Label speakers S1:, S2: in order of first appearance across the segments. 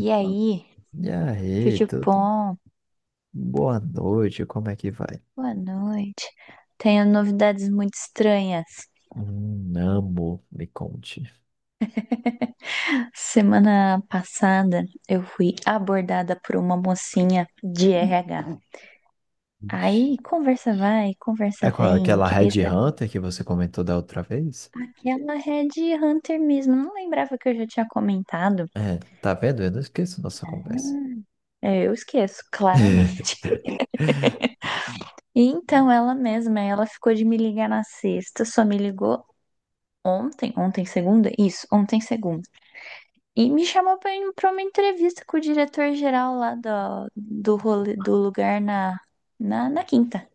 S1: E aí,
S2: E aí, tudo?
S1: Tchutchupom,
S2: Boa noite, como é que vai?
S1: boa noite. Tenho novidades muito estranhas.
S2: Amo, me conte.
S1: Semana passada eu fui abordada por uma mocinha de RH. Aí
S2: Ixi.
S1: conversa vai, conversa
S2: É qual-
S1: vem,
S2: aquela
S1: queria
S2: Red
S1: saber
S2: Hunter que você comentou da outra vez?
S1: que ela é de Hunter mesmo. Não lembrava que eu já tinha comentado.
S2: É, tá vendo? Eu não esqueço nossa conversa.
S1: É, eu esqueço, claramente. Então ela mesma, ela ficou de me ligar na sexta, só me ligou ontem, ontem segunda? Isso, ontem segunda. E me chamou pra ir pra uma entrevista com o diretor-geral lá do lugar na quinta.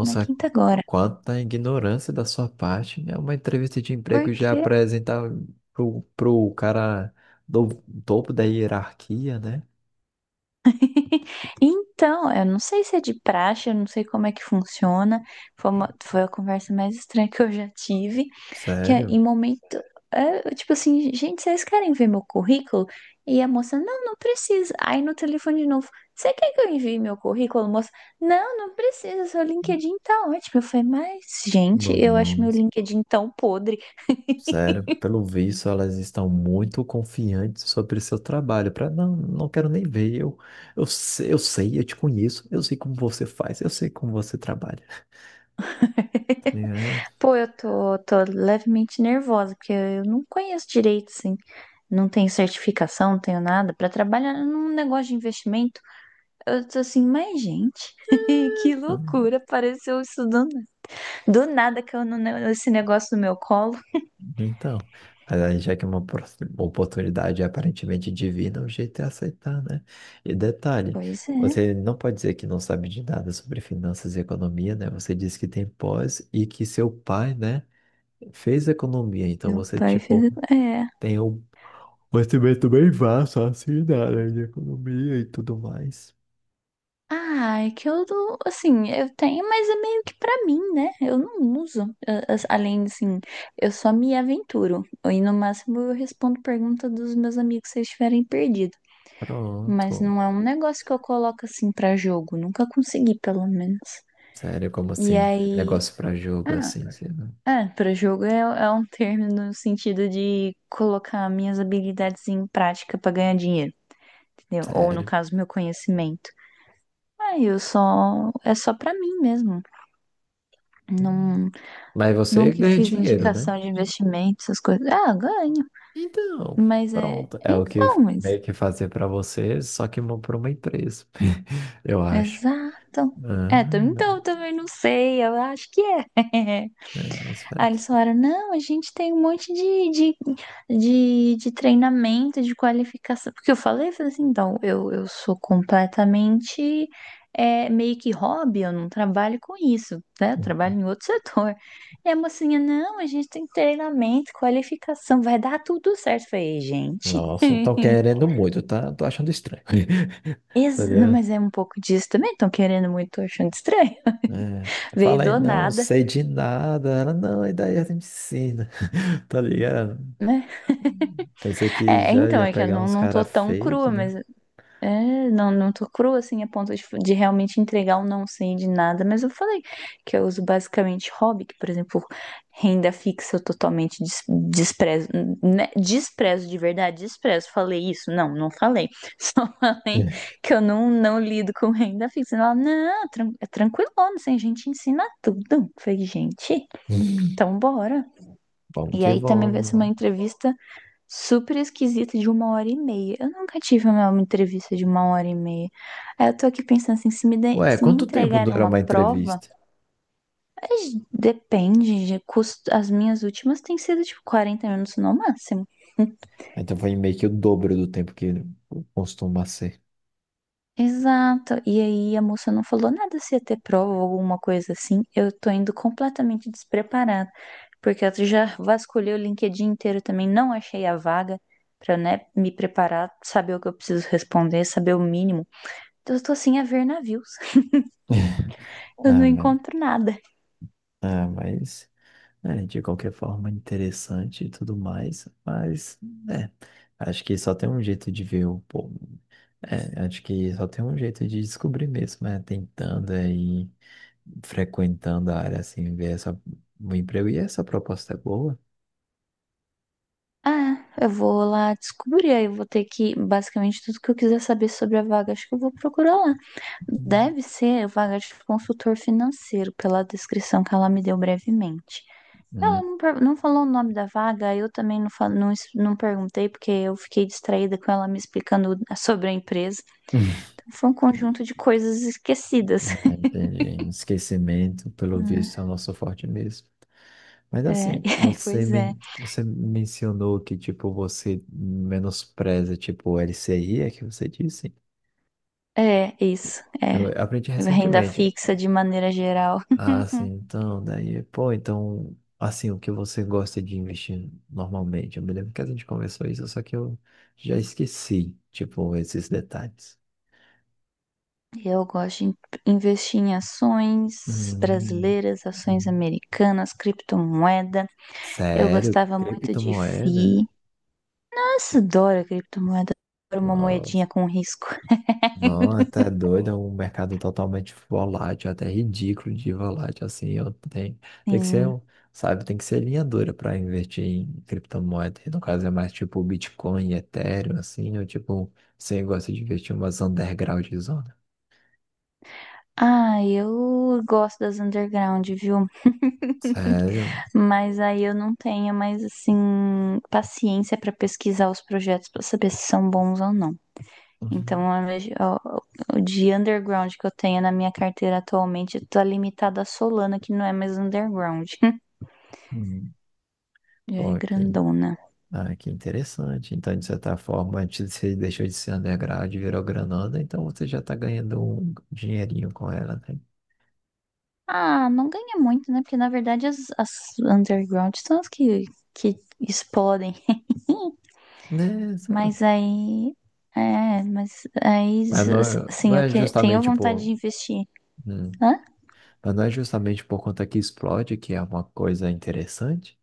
S1: Na quinta agora.
S2: quanta ignorância da sua parte. É uma entrevista de emprego já
S1: Porque
S2: apresentar pro cara do topo da hierarquia, né?
S1: Então, eu não sei se é de praxe, eu não sei como é que funciona. Foi a conversa mais estranha que eu já tive. Que é,
S2: Sério?
S1: em momento, é, eu, tipo assim, gente, vocês querem ver meu currículo? E a moça, não, não precisa. Aí no telefone de novo, você quer que eu envie meu currículo, moça? Não, não precisa, seu LinkedIn tá ótimo. Eu falei, mas, gente,
S2: Bom,
S1: eu acho
S2: não.
S1: meu LinkedIn tão podre.
S2: Sério, pelo visto, elas estão muito confiantes sobre seu trabalho. Para não quero nem ver. Eu sei, eu te conheço, eu sei como você faz, eu sei como você trabalha. Tá.
S1: Pô, eu tô levemente nervosa, porque eu não conheço direito, assim. Não tenho certificação, não tenho nada para trabalhar num negócio de investimento. Eu tô assim, mas gente, que
S2: Ah,
S1: loucura, apareceu isso do nada que eu não esse negócio no meu colo.
S2: então, mas aí já que é uma oportunidade aparentemente divina, o jeito é aceitar, né? E detalhe,
S1: Pois é,
S2: você não pode dizer que não sabe de nada sobre finanças e economia, né? Você disse que tem pós e que seu pai, né, fez economia. Então
S1: meu
S2: você,
S1: pai
S2: tipo,
S1: fez, é.
S2: tem o, mas também, também vasto assim, na área de economia e tudo mais.
S1: Ah, é que eu, não- assim, eu tenho, mas é meio que pra mim, né? Eu não uso. A- Além, assim, eu só me aventuro. E no máximo eu respondo pergunta dos meus amigos se eles estiverem perdidos. Mas
S2: Pronto.
S1: não é um negócio que eu coloco assim pra jogo. Nunca consegui, pelo menos.
S2: Sério, como
S1: E
S2: assim?
S1: aí.
S2: Negócio pra jogo
S1: Ah,
S2: assim, sei lá.
S1: é, pra jogo é, é um termo no sentido de colocar minhas habilidades em prática pra ganhar dinheiro, entendeu? Ou no
S2: Sério.
S1: caso, meu conhecimento. Ah, eu só. É só pra mim mesmo.
S2: Hum.
S1: Não,
S2: Mas você
S1: nunca
S2: ganha
S1: fiz
S2: dinheiro, né?
S1: indicação de investimento, essas coisas. Ah, ganho.
S2: Então,
S1: Mas é.
S2: pronto. É o que
S1: Então, mas
S2: meio que fazer pra você, só que mão pra uma empresa. Eu acho.
S1: exato. É, tam- então
S2: Ah,
S1: eu também não sei, eu acho que é.
S2: é, isso
S1: Aí eles
S2: parece.
S1: falaram, não, a gente tem um monte de treinamento, de qualificação. Porque eu falei assim, então, eu sou completamente é, meio que hobby, eu não trabalho com isso, né? Eu trabalho em outro setor. E a mocinha, não, a gente tem treinamento, qualificação, vai dar tudo certo. Eu falei, gente,
S2: Nossa, estão querendo muito, tá? Tô achando estranho.
S1: ex-
S2: Entendeu?
S1: mas é um pouco disso também, estão querendo muito, tô achando estranho.
S2: É. Eu
S1: Veio
S2: falei,
S1: do
S2: não
S1: nada,
S2: sei de nada. Ela, não, e daí ela me ensina, tá ligado?
S1: né?
S2: Pensei que
S1: É, é,
S2: já
S1: então,
S2: ia
S1: é que eu
S2: pegar
S1: não,
S2: uns
S1: não tô
S2: caras
S1: tão crua,
S2: feitos, né?
S1: mas é, não, não tô crua assim a ponto de realmente entregar um não sei de nada, mas eu falei que eu uso basicamente hobby, que, por exemplo, renda fixa eu totalmente des- desprezo, né? Desprezo de verdade, desprezo. Falei isso? Não, não falei. Falei
S2: É.
S1: que eu não, não lido com renda fixa. Ela, não, é tranquilo, assim, a gente ensina tudo. Eu falei, gente, então bora.
S2: Vamos
S1: E
S2: que
S1: aí também vai
S2: vamos,
S1: ser
S2: né?
S1: uma entrevista super esquisita de uma hora e meia. Eu nunca tive uma entrevista de uma hora e meia. Aí eu tô aqui pensando assim, se me, de-
S2: Ué,
S1: se me
S2: quanto tempo
S1: entregarem
S2: dura
S1: uma
S2: uma
S1: prova,
S2: entrevista?
S1: mas depende de custo. As minhas últimas têm sido tipo 40 minutos no máximo.
S2: Então foi meio que o dobro do tempo que costuma ser.
S1: Exato. E aí a moça não falou nada se ia ter prova ou alguma coisa assim. Eu tô indo completamente despreparada, porque eu já vasculhei o LinkedIn inteiro também, não achei a vaga pra, né, me preparar, saber o que eu preciso responder, saber o mínimo. Eu tô sem a ver navios. Eu não
S2: Ah, mas,
S1: encontro nada.
S2: ah, mas é, de qualquer forma interessante e tudo mais, mas é, acho que só tem um jeito de ver o, povo. É, acho que só tem um jeito de descobrir mesmo, é tentando aí, frequentando a área assim, ver essa, o emprego. E essa proposta é boa?
S1: Ah, eu vou lá descobrir. Aí eu vou ter que, basicamente, tudo que eu quiser saber sobre a vaga, acho que eu vou procurar lá.
S2: Hum.
S1: Deve ser vaga de consultor financeiro, pela descrição que ela me deu brevemente. Ela não, per- não falou o nome da vaga, eu também não, fal- não, es- não perguntei, porque eu fiquei distraída com ela me explicando sobre a empresa. Então, foi um conjunto de coisas
S2: Hum.
S1: esquecidas.
S2: É, entendi. Esquecimento, pelo visto, é o nosso forte mesmo. Mas
S1: É,
S2: assim,
S1: é,
S2: você,
S1: pois é.
S2: men você mencionou que, tipo, você menospreza, tipo, o LCI, é que você disse?
S1: É, isso.
S2: Eu
S1: É,
S2: aprendi
S1: renda
S2: recentemente.
S1: fixa de maneira geral.
S2: Ah, sim, então, daí, pô, então, assim, o que você gosta de investir normalmente? Eu me lembro que a gente conversou isso, só que eu já esqueci, tipo, esses detalhes.
S1: Eu gosto de investir em ações
S2: Hum,
S1: brasileiras, ações
S2: hum.
S1: americanas, criptomoeda. Eu
S2: Sério?
S1: gostava muito de
S2: Criptomoeda?
S1: FI. Nossa, adoro criptomoeda. Adoro uma
S2: Nossa.
S1: moedinha com risco.
S2: Não, tá doido, é um mercado totalmente volátil, até ridículo de volátil, assim, eu tenho, tem que ser,
S1: Sim.
S2: um- sabe, tem que ser linha dura para investir em criptomoeda, e no caso é mais tipo Bitcoin, Ethereum, assim, ou tipo, você gosta de investir em umas underground zona.
S1: Ah, eu gosto das underground, viu?
S2: Sério?
S1: Mas aí eu não tenho mais, assim, paciência para pesquisar os projetos para saber se são bons ou não.
S2: Uhum.
S1: Então, a minha- ó, o de underground que eu tenho na minha carteira atualmente tá limitado à Solana, que não é mais underground.
S2: Hum,
S1: Já é
S2: pô, que,
S1: grandona.
S2: ah, que interessante, então de certa forma, antes você deixou de ser underground e virou granada, então você já tá ganhando um dinheirinho com ela, né?
S1: Ah, não ganha muito, né? Porque na verdade as underground são as que explodem.
S2: Né,
S1: Mas aí. É, mas aí.
S2: mas não
S1: Assim, eu
S2: é
S1: que, tenho
S2: justamente
S1: vontade de
S2: por.
S1: investir.
S2: Hum,
S1: Hã?
S2: mas não é justamente por conta que explode, que é uma coisa interessante.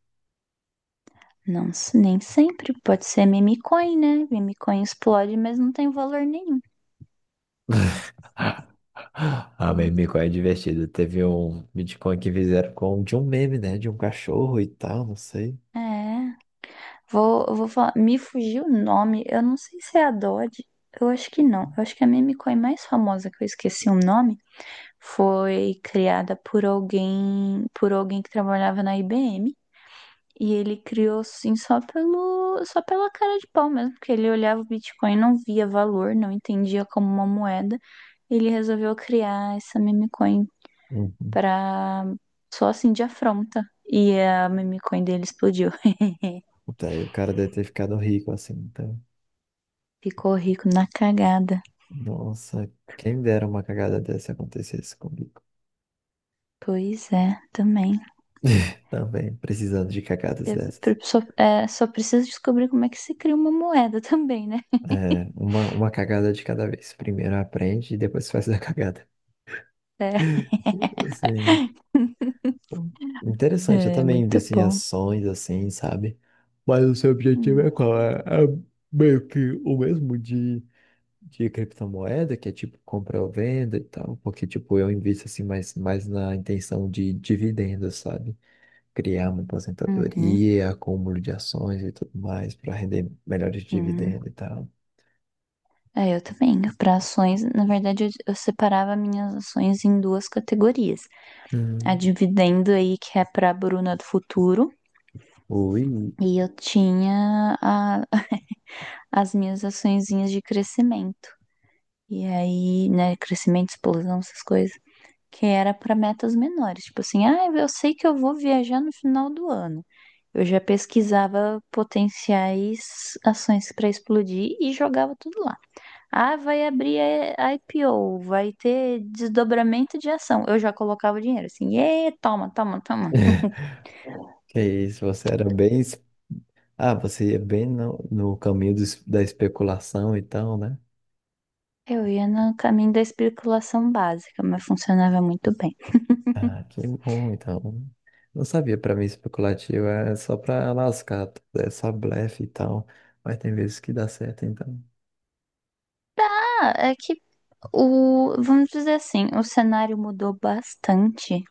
S1: Não, s- nem sempre. Pode ser meme coin, né? Meme coin explode, mas não tem valor nenhum.
S2: Ah,
S1: Hum.
S2: meme é divertido. Teve um Bitcoin que fizeram com de um meme, né? De um cachorro e tal, não sei.
S1: É. Vou, eu vou falar, me fugiu o nome, eu não sei se é a Dodge, eu acho que não. Eu acho que a meme coin mais famosa que eu esqueci o nome foi criada por alguém que trabalhava na IBM. E ele criou assim só pelo, só pela cara de pau mesmo, porque ele olhava o Bitcoin, não via valor, não entendia como uma moeda. Ele resolveu criar essa meme coin
S2: Uhum.
S1: pra só assim de afronta. E a meme coin dele explodiu.
S2: Daí o cara deve ter ficado rico assim. Então,
S1: Ficou rico na cagada.
S2: nossa, quem dera uma cagada dessa acontecesse comigo.
S1: Pois é, também.
S2: Também, precisando de cagadas
S1: Eu
S2: dessas.
S1: pre- só, é, só preciso descobrir como é que se cria uma moeda também, né?
S2: É, uma cagada de cada vez. Primeiro aprende e depois faz a cagada.
S1: É,
S2: Sim. Hum, interessante, eu
S1: é
S2: também
S1: muito
S2: invisto em
S1: bom.
S2: ações assim, sabe? Mas o seu objetivo é qual?
S1: Hum.
S2: É meio que o mesmo de criptomoeda, que é tipo compra ou venda e tal, porque tipo eu invisto assim mais, mais na intenção de dividendos, sabe? Criar uma
S1: Uhum.
S2: aposentadoria, acúmulo de ações e tudo mais para render melhores
S1: Sim.
S2: dividendos e tal.
S1: É, eu também. Para ações, na verdade, eu separava minhas ações em duas categorias. A
S2: Hum.
S1: dividendo aí, que é para a Bruna do futuro,
S2: Ui,
S1: e eu tinha a- as minhas açõezinhas de crescimento. E aí, né, crescimento, explosão, essas coisas. Que era para metas menores, tipo assim, ah, eu sei que eu vou viajar no final do ano. Eu já pesquisava potenciais ações para explodir e jogava tudo lá. Ah, vai abrir a IPO, vai ter desdobramento de ação. Eu já colocava o dinheiro assim, e toma, toma, toma.
S2: que isso, você era bem. Es- ah, você ia bem no, no caminho do es- da especulação e tal, né?
S1: Eu ia no caminho da especulação básica, mas funcionava muito bem.
S2: Ah, que bom, então. Não sabia, pra mim especulativo é só pra lascar, é só blefe e tal. Mas tem vezes que dá certo, então.
S1: Ah, é que o, vamos dizer assim, o cenário mudou bastante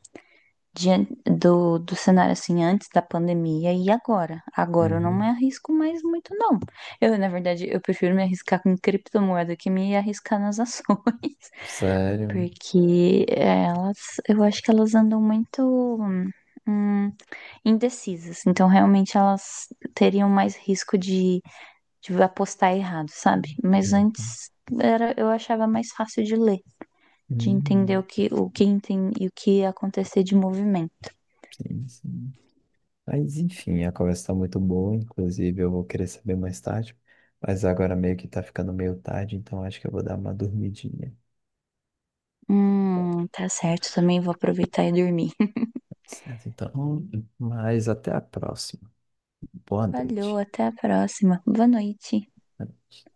S1: diante do cenário assim antes da pandemia e agora. Agora eu não me
S2: Uhum.
S1: arrisco mais muito, não. Eu, na verdade, eu prefiro me arriscar com criptomoeda que me arriscar nas ações,
S2: Sério.
S1: porque elas, eu acho que elas andam muito hum, indecisas. Então, realmente, elas teriam mais risco de apostar errado, sabe? Mas
S2: Uhum.
S1: antes era, eu achava mais fácil de ler, de entender
S2: Hum,
S1: o que entende, e o que ia acontecer de movimento.
S2: sim. Mas enfim, a conversa tá muito boa, inclusive eu vou querer saber mais tarde. Mas agora meio que tá ficando meio tarde, então acho que eu vou dar uma dormidinha.
S1: Tá certo. Também vou aproveitar e dormir.
S2: Certo, então. Mas até a próxima. Boa
S1: Valeu,
S2: noite.
S1: até a próxima. Boa noite.
S2: Boa noite.